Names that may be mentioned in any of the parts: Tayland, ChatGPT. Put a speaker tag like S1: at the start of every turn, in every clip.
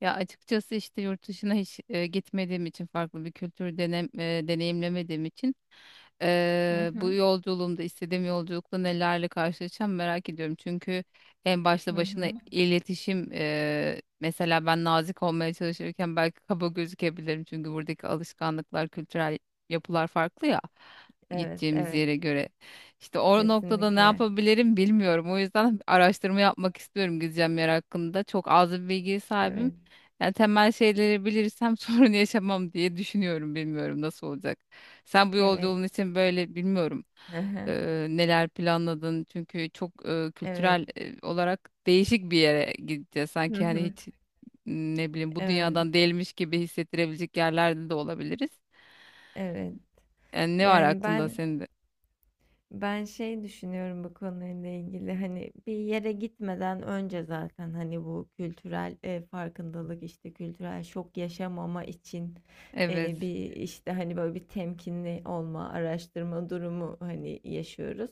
S1: Ya açıkçası işte yurt dışına hiç gitmediğim için farklı bir kültür deneyimlemediğim için
S2: Hı
S1: Bu
S2: hı.
S1: yolculuğumda istediğim yolculukta nelerle karşılaşacağım merak ediyorum. Çünkü en başta
S2: Hı
S1: başına
S2: hı.
S1: iletişim mesela ben nazik olmaya çalışırken belki kaba gözükebilirim. Çünkü buradaki alışkanlıklar, kültürel yapılar farklı ya,
S2: Evet,
S1: gideceğimiz
S2: evet.
S1: yere göre. İşte o noktada ne
S2: Kesinlikle.
S1: yapabilirim bilmiyorum. O yüzden araştırma yapmak istiyorum gideceğim yer hakkında. Çok az bir bilgiye sahibim.
S2: Evet.
S1: Yani temel şeyleri bilirsem sorun yaşamam diye düşünüyorum. Bilmiyorum nasıl olacak. Sen bu
S2: Evet.
S1: yolculuğun için böyle bilmiyorum
S2: Hı hı.
S1: neler planladın, çünkü çok
S2: Evet.
S1: kültürel olarak değişik bir yere gideceğiz.
S2: Hı
S1: Sanki hani
S2: hı.
S1: hiç, ne bileyim, bu
S2: Evet.
S1: dünyadan değilmiş gibi hissettirebilecek yerlerde de olabiliriz.
S2: Evet.
S1: Yani ne var
S2: Yani
S1: aklında
S2: ben
S1: senin de?
S2: Ben şey düşünüyorum bu konuyla ilgili hani bir yere gitmeden önce zaten hani bu kültürel farkındalık işte kültürel şok yaşamama için
S1: Evet.
S2: bir işte hani böyle bir temkinli olma araştırma durumu hani yaşıyoruz.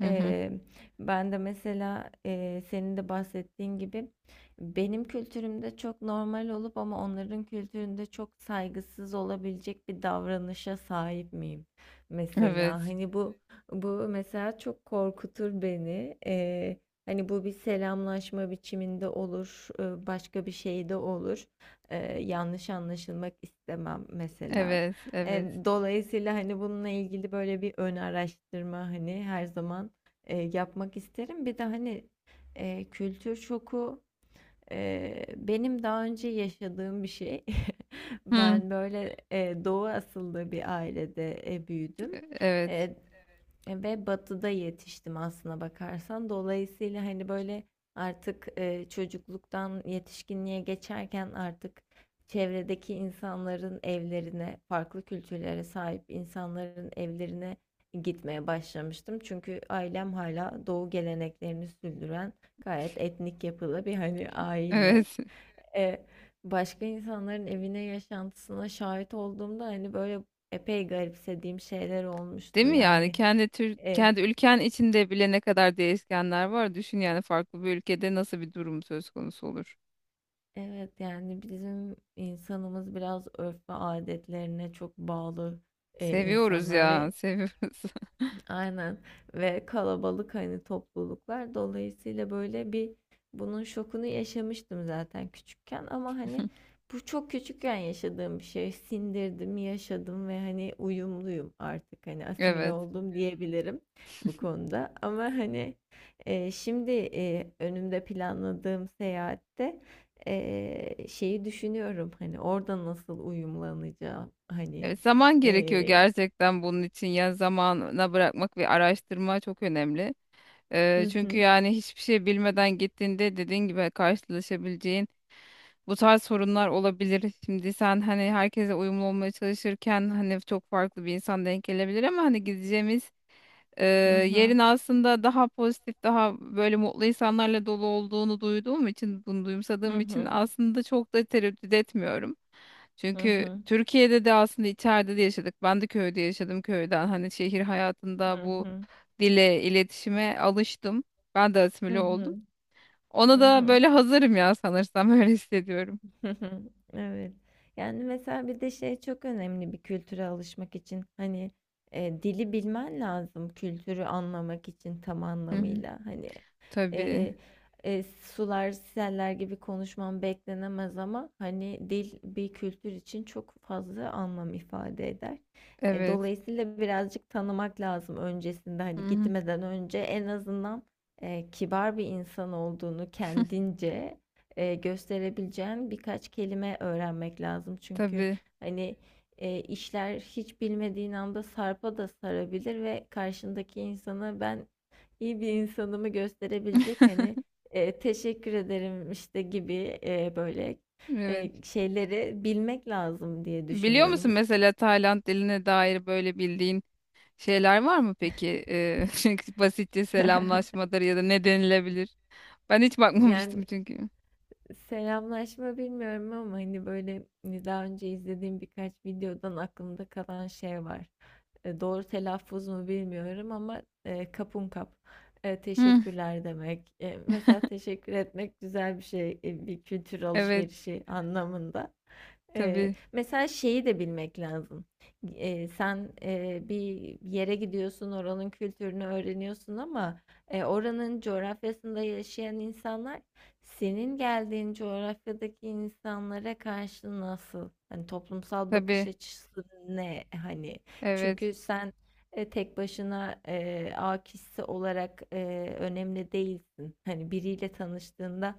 S1: Hı hı.
S2: E, Ben de mesela senin de bahsettiğin gibi benim kültürümde çok normal olup ama onların kültüründe çok saygısız olabilecek bir davranışa sahip miyim mesela
S1: Evet.
S2: hani bu mesela çok korkutur beni. Hani bu bir selamlaşma biçiminde olur, başka bir şey de olur. Yanlış anlaşılmak istemem mesela.
S1: Evet. Evet.
S2: Dolayısıyla hani bununla ilgili böyle bir ön araştırma hani her zaman yapmak isterim. Bir de hani kültür şoku. Benim daha önce yaşadığım bir şey.
S1: Hı.
S2: Ben böyle Doğu asıllı bir ailede büyüdüm.
S1: Evet.
S2: Ve batıda yetiştim aslına bakarsan. Dolayısıyla hani böyle artık çocukluktan yetişkinliğe geçerken artık çevredeki insanların evlerine, farklı kültürlere sahip insanların evlerine gitmeye başlamıştım. Çünkü ailem hala doğu geleneklerini sürdüren gayet etnik yapılı bir, hani, aile.
S1: Evet.
S2: Eee, Başka insanların evine, yaşantısına şahit olduğumda, hani, böyle, epey garipsediğim şeyler
S1: Değil
S2: olmuştu.
S1: mi yani,
S2: Yani,
S1: kendi tür
S2: eee
S1: kendi ülken içinde bile ne kadar değişkenler var. Düşün yani farklı bir ülkede nasıl bir durum söz konusu olur.
S2: evet, yani, bizim insanımız biraz örf ve adetlerine çok bağlı,
S1: Seviyoruz
S2: insanlar ve,
S1: ya, seviyoruz.
S2: aynen, ve kalabalık hani topluluklar dolayısıyla böyle bir bunun şokunu yaşamıştım zaten küçükken ama hani bu çok küçükken yaşadığım bir şey sindirdim yaşadım ve hani uyumluyum artık hani asimile
S1: Evet.
S2: oldum diyebilirim bu konuda ama hani şimdi önümde planladığım seyahatte şeyi düşünüyorum hani orada nasıl uyumlanacağım hani
S1: Evet, zaman gerekiyor
S2: e,
S1: gerçekten bunun için. Ya zamana bırakmak ve araştırma çok önemli.
S2: hı
S1: Çünkü
S2: hı
S1: yani hiçbir şey bilmeden gittiğinde, dediğin gibi, karşılaşabileceğin bu tarz sorunlar olabilir. Şimdi sen hani herkese uyumlu olmaya çalışırken hani çok farklı bir insan denk gelebilir, ama hani gideceğimiz e,
S2: hı
S1: yerin
S2: hı.
S1: aslında daha pozitif, daha böyle mutlu insanlarla dolu olduğunu duyduğum için, bunu
S2: Hı
S1: duyumsadığım için
S2: hı.
S1: aslında çok da tereddüt etmiyorum.
S2: Hı
S1: Çünkü
S2: hı.
S1: Türkiye'de de aslında içeride de yaşadık. Ben de köyde yaşadım, köyden. Hani şehir hayatında
S2: Hı
S1: bu
S2: hı.
S1: dile, iletişime alıştım. Ben de
S2: Hı
S1: asimile oldum.
S2: hı.
S1: Ona
S2: Hı
S1: da
S2: hı.
S1: böyle hazırım ya sanırsam, öyle hissediyorum.
S2: Evet. Yani mesela bir de şey çok önemli bir kültüre alışmak için. Hani dili bilmen lazım kültürü anlamak için tam
S1: Hı hı.
S2: anlamıyla. Hani
S1: Tabii.
S2: e, sular seller gibi konuşman beklenemez ama hani dil bir kültür için çok fazla anlam ifade eder.
S1: Evet.
S2: Dolayısıyla birazcık tanımak lazım öncesinde
S1: Hı
S2: hani
S1: hı.
S2: gitmeden önce en azından kibar bir insan olduğunu kendince gösterebileceğin birkaç kelime öğrenmek lazım. Çünkü
S1: Tabii.
S2: hani işler hiç bilmediğin anda sarpa da sarabilir ve karşındaki insana ben iyi bir insanımı gösterebilecek hani teşekkür ederim işte gibi böyle
S1: Evet.
S2: şeyleri bilmek lazım diye
S1: Biliyor musun,
S2: düşünüyorum.
S1: mesela Tayland diline dair böyle bildiğin şeyler var mı peki? Çünkü basitçe selamlaşmadır ya da ne denilebilir? Ben hiç
S2: Yani
S1: bakmamıştım çünkü.
S2: selamlaşma bilmiyorum ama hani böyle hani daha önce izlediğim birkaç videodan aklımda kalan şey var. Doğru telaffuz mu bilmiyorum ama kapun kap.
S1: Hı.
S2: Teşekkürler demek. Mesela teşekkür etmek güzel bir şey. Bir kültür
S1: Evet.
S2: alışverişi anlamında.
S1: Tabii.
S2: Mesela şeyi de bilmek lazım. Sen bir yere gidiyorsun, oranın kültürünü öğreniyorsun ama oranın coğrafyasında yaşayan insanlar senin geldiğin coğrafyadaki insanlara karşı nasıl? Hani toplumsal bakış
S1: Tabii.
S2: açısı ne? Hani
S1: Evet.
S2: çünkü sen tek başına A kişisi olarak önemli değilsin. Hani biriyle tanıştığında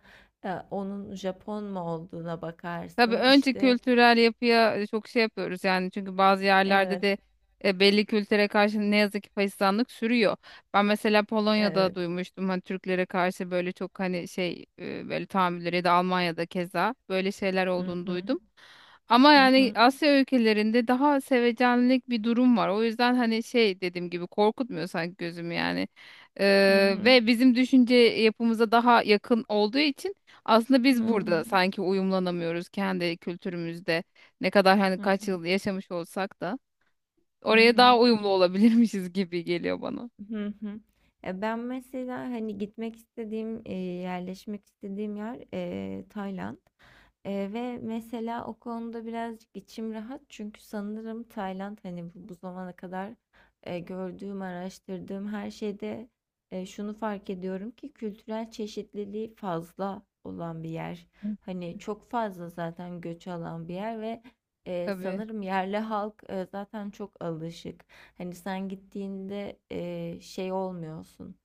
S2: onun Japon mu olduğuna
S1: Tabii,
S2: bakarsın.
S1: önce
S2: İşte
S1: kültürel yapıya çok şey yapıyoruz yani, çünkü bazı yerlerde
S2: evet,
S1: de belli kültüre karşı ne yazık ki faşizanlık sürüyor. Ben mesela Polonya'da
S2: evet.
S1: duymuştum hani Türklere karşı böyle çok hani şey böyle tahammülleri, ya da Almanya'da keza böyle şeyler
S2: Hı
S1: olduğunu
S2: hı,
S1: duydum. Ama
S2: hı
S1: yani
S2: hı,
S1: Asya ülkelerinde daha sevecenlik bir durum var. O yüzden hani şey, dediğim gibi korkutmuyor sanki gözümü yani.
S2: hı hı,
S1: Ve bizim düşünce yapımıza daha yakın olduğu için aslında biz
S2: hı
S1: burada
S2: hı,
S1: sanki uyumlanamıyoruz kendi kültürümüzde. Ne kadar hani
S2: hı
S1: kaç
S2: hı,
S1: yıl yaşamış olsak da
S2: hı
S1: oraya
S2: hı.
S1: daha uyumlu olabilirmişiz gibi geliyor bana.
S2: Hı hı. Ya ben mesela hani gitmek istediğim, yerleşmek istediğim yer Tayland. Ve mesela o konuda birazcık içim rahat çünkü sanırım Tayland hani bu zamana kadar gördüğüm, araştırdığım her şeyde şunu fark ediyorum ki kültürel çeşitliliği fazla olan bir yer. Hani çok fazla zaten göç alan bir yer ve
S1: Tabii,
S2: sanırım yerli halk zaten çok alışık. Hani sen gittiğinde şey olmuyorsun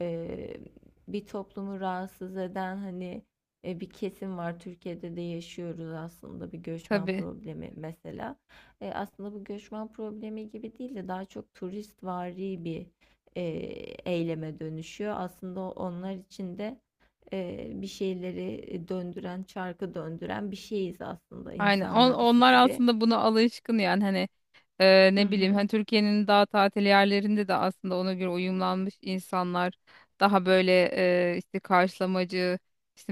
S2: eee, bir toplumu rahatsız eden hani bir kesim var. Türkiye'de de yaşıyoruz aslında bir göçmen
S1: tabii.
S2: problemi mesela. Aslında bu göçmen problemi gibi değil de daha çok turistvari bir e, eyleme dönüşüyor. Aslında onlar için de bir şeyleri döndüren, çarkı döndüren bir şeyiz aslında
S1: Aynen.
S2: insanlarısı
S1: Onlar
S2: gibi.
S1: aslında buna alışkın yani hani.
S2: Hı
S1: Ne bileyim,
S2: hı,
S1: hani Türkiye'nin daha tatil yerlerinde de aslında ona göre uyumlanmış insanlar, daha böyle işte karşılamacı, işte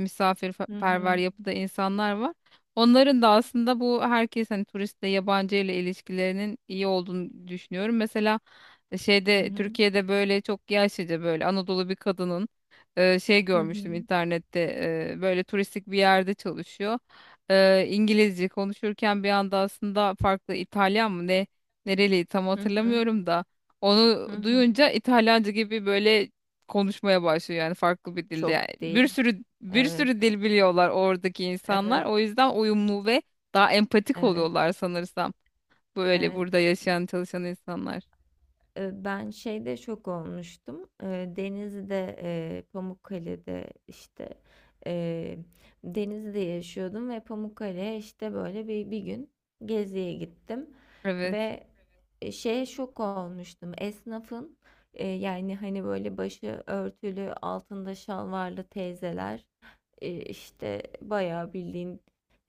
S2: hı hı,
S1: misafirperver yapıda insanlar var. Onların da aslında bu herkes hani turistle, yabancı ile ilişkilerinin iyi olduğunu düşünüyorum. Mesela
S2: hı
S1: şeyde,
S2: hı,
S1: Türkiye'de böyle çok yaşlıca böyle Anadolu bir kadının şey
S2: hı hı,
S1: görmüştüm internette, böyle turistik bir yerde çalışıyor, İngilizce konuşurken bir anda aslında farklı, İtalyan mı ne, nereli tam
S2: hı hı,
S1: hatırlamıyorum da, onu
S2: hı hı.
S1: duyunca İtalyanca gibi böyle konuşmaya başlıyor, yani farklı bir dilde. Yani
S2: Çok
S1: bir
S2: değil.
S1: sürü bir
S2: Evet,
S1: sürü dil biliyorlar oradaki insanlar.
S2: evet.
S1: O yüzden uyumlu ve daha empatik
S2: Evet,
S1: oluyorlar sanırsam. Böyle
S2: evet.
S1: burada yaşayan, çalışan insanlar.
S2: Ben şeyde şok olmuştum. Denizli'de, Pamukkale'de işte eee, Denizli'de yaşıyordum ve Pamukkale'ye işte böyle bir gün geziye gittim
S1: Evet.
S2: ve şeye şok olmuştum. Esnafın yani hani böyle başı örtülü, altında şalvarlı teyzeler işte bayağı bildiğin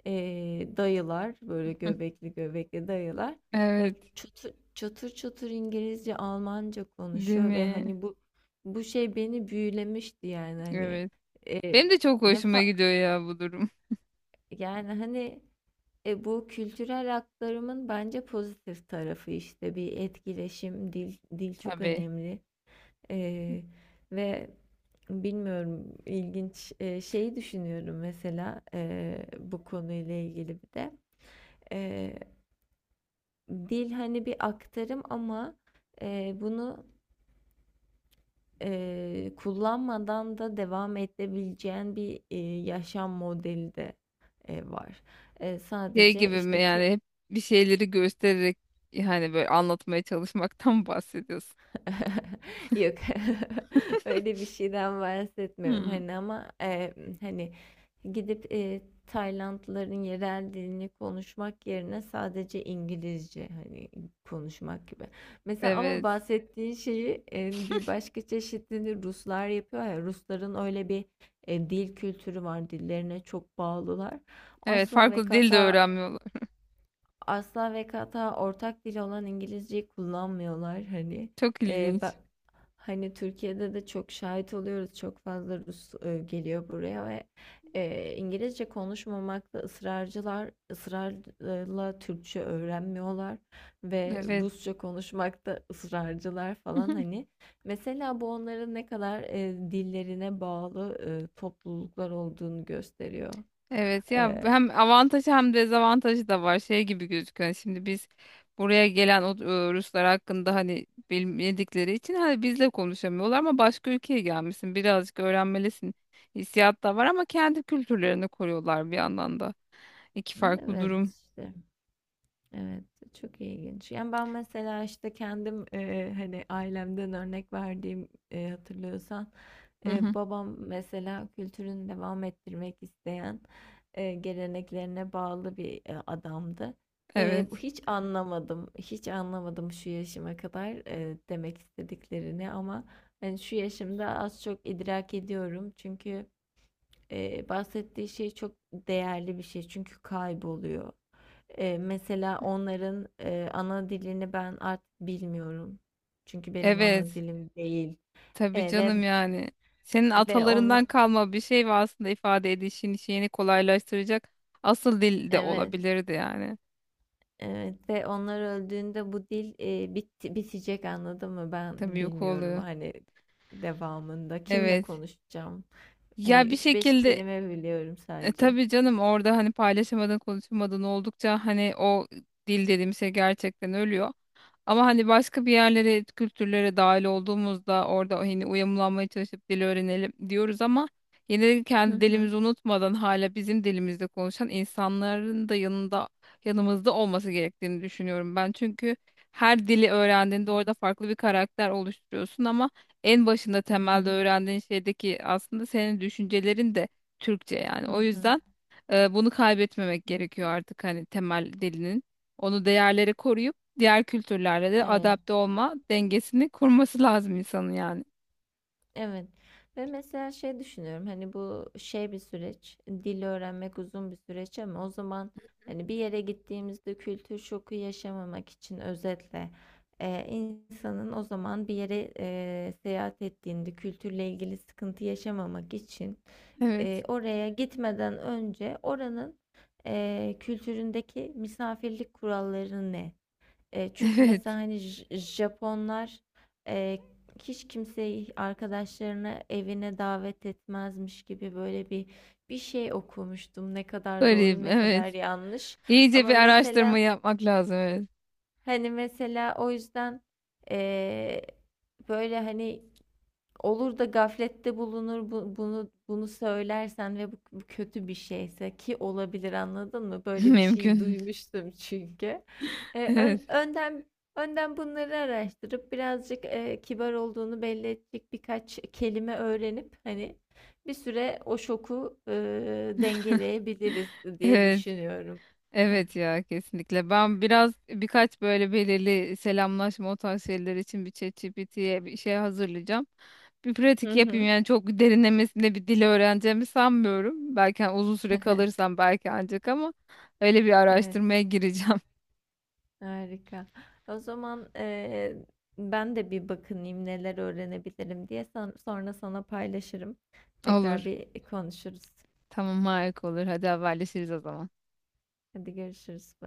S2: e, dayılar böyle göbekli göbekli dayılar
S1: Evet.
S2: çatır çatır İngilizce, Almanca
S1: Değil
S2: konuşuyor ve
S1: mi?
S2: hani bu şey beni büyülemişti yani hani
S1: Evet.
S2: e,
S1: Benim de çok
S2: ne
S1: hoşuma
S2: fa
S1: gidiyor ya bu durum.
S2: yani hani bu kültürel aktarımın bence pozitif tarafı işte bir etkileşim, dil çok
S1: Tabii.
S2: önemli. E, ve bilmiyorum ilginç şeyi düşünüyorum mesela bu konuyla ilgili bir de E, dil hani bir aktarım ama bunu kullanmadan da devam edebileceğin bir, yaşam modeli de, var.
S1: Şey
S2: Sadece,
S1: gibi mi
S2: işte,
S1: yani, hep bir şeyleri göstererek, yani böyle anlatmaya çalışmaktan bahsediyorsun.
S2: Yok. Öyle bir şeyden bahsetmiyorum,
S1: Hmm.
S2: hani, ama, hani, gidip, Taylandlıların yerel dilini konuşmak yerine sadece İngilizce, hani, konuşmak gibi. Mesela ama
S1: Evet.
S2: bahsettiğin şeyi, bir başka çeşidini Ruslar yapıyor ya, Rusların öyle bir, dil kültürü var, dillerine çok bağlılar.
S1: Evet,
S2: Asla ve
S1: farklı dil de
S2: kata
S1: öğrenmiyorlar.
S2: asla ve kata ortak dil olan İngilizceyi kullanmıyorlar hani.
S1: Çok
S2: Ee, ben,
S1: ilginç.
S2: Hani Türkiye'de de çok şahit oluyoruz. Çok fazla Rus geliyor buraya ve İngilizce konuşmamakta ısrarcılar, ısrarla Türkçe öğrenmiyorlar ve
S1: Evet.
S2: Rusça konuşmakta ısrarcılar falan hani. Mesela bu onların ne kadar dillerine bağlı topluluklar olduğunu gösteriyor.
S1: Evet ya,
S2: Ee,
S1: hem avantajı hem dezavantajı da var. Şey gibi gözüküyor. Yani şimdi biz buraya gelen o Ruslar hakkında, hani bilmedikleri için hani bizle konuşamıyorlar, ama başka ülkeye gelmişsin. Birazcık öğrenmelisin. Hissiyat da var, ama kendi kültürlerini koruyorlar bir yandan da. İki farklı
S2: evet,
S1: durum.
S2: işte. Evet, çok ilginç. Yani ben mesela işte kendim hani ailemden örnek verdiğim hatırlıyorsan
S1: Hı hı.
S2: babam mesela kültürünü devam ettirmek isteyen geleneklerine bağlı bir adamdı. Bu
S1: Evet.
S2: hiç anlamadım, hiç anlamadım şu yaşıma kadar demek istediklerini ama hani şu yaşımda az çok idrak ediyorum çünkü bahsettiği şey çok değerli bir şey çünkü kayboluyor. Mesela onların, ana dilini ben artık bilmiyorum. Çünkü benim ana
S1: Evet.
S2: dilim değil.
S1: Tabii
S2: Ve
S1: canım yani. Senin
S2: ve ona
S1: atalarından kalma bir şey ve aslında ifade edişin şeyini kolaylaştıracak asıl dil de
S2: Evet,
S1: olabilirdi yani.
S2: evet ve onlar öldüğünde bu dil, bitti bitecek anladın mı? Ben
S1: Tabii, yok
S2: bilmiyorum
S1: oluyor.
S2: hani devamında kimle
S1: Evet.
S2: konuşacağım? Hani
S1: Ya bir
S2: üç beş
S1: şekilde
S2: kelime biliyorum sadece.
S1: tabii canım, orada hani paylaşamadın, konuşamadın oldukça hani o dil dediğim şey gerçekten ölüyor. Ama hani başka bir yerlere, kültürlere dahil olduğumuzda orada hani uyumlanmaya çalışıp dil öğrenelim diyoruz, ama yine de kendi dilimizi unutmadan hala bizim dilimizde konuşan insanların da yanında, yanımızda olması gerektiğini düşünüyorum ben. Çünkü her dili
S2: Hı
S1: öğrendiğinde
S2: hı.
S1: orada farklı bir karakter oluşturuyorsun, ama en başında
S2: Hı
S1: temelde
S2: hı.
S1: öğrendiğin şeydeki aslında senin düşüncelerin de Türkçe yani.
S2: Hı
S1: O
S2: hı.
S1: yüzden bunu kaybetmemek
S2: Hı
S1: gerekiyor
S2: hı.
S1: artık, hani temel dilinin. Onu, değerleri koruyup diğer kültürlerle de
S2: Evet.
S1: adapte olma dengesini kurması lazım insanın yani.
S2: Evet. Ve mesela şey düşünüyorum hani bu şey bir süreç, dil öğrenmek uzun bir süreç ama o zaman hani bir yere gittiğimizde kültür şoku yaşamamak için özetle insanın o zaman bir yere seyahat ettiğinde kültürle ilgili sıkıntı yaşamamak için
S1: Evet.
S2: oraya gitmeden önce oranın kültüründeki misafirlik kuralları ne? Çünkü mesela
S1: Evet.
S2: hani Japonlar e, hiç kimseyi arkadaşlarını evine davet etmezmiş gibi böyle bir şey okumuştum. Ne kadar doğru
S1: Garip.
S2: ne kadar
S1: Evet.
S2: yanlış.
S1: İyice
S2: Ama
S1: bir
S2: mesela
S1: araştırma yapmak lazım. Evet.
S2: hani mesela o yüzden e, böyle hani olur da gaflette bulunur bunu söylersen ve bu kötü bir şeyse ki olabilir anladın mı? Böyle bir şeyi
S1: Mümkün.
S2: duymuştum çünkü. E,
S1: Evet.
S2: ön- önden önden bunları araştırıp birazcık kibar olduğunu belli edecek birkaç kelime öğrenip hani bir süre o şoku dengeleyebiliriz diye
S1: Evet.
S2: düşünüyorum.
S1: Evet ya, kesinlikle. Ben biraz birkaç böyle belirli selamlaşma, o tarz şeyler için bir ChatGPT'ye bir şey hazırlayacağım. Bir
S2: Hı
S1: pratik yapayım,
S2: hı.
S1: yani çok derinlemesine bir dil öğreneceğimi sanmıyorum. Belki hani uzun süre kalırsam belki ancak, ama öyle bir
S2: Evet.
S1: araştırmaya gireceğim.
S2: Harika. O zaman ben de bir bakınayım neler öğrenebilirim diye sonra sana paylaşırım. Tekrar
S1: Olur.
S2: bir konuşuruz.
S1: Tamam, harika olur. Hadi haberleşiriz o zaman.
S2: Hadi görüşürüz.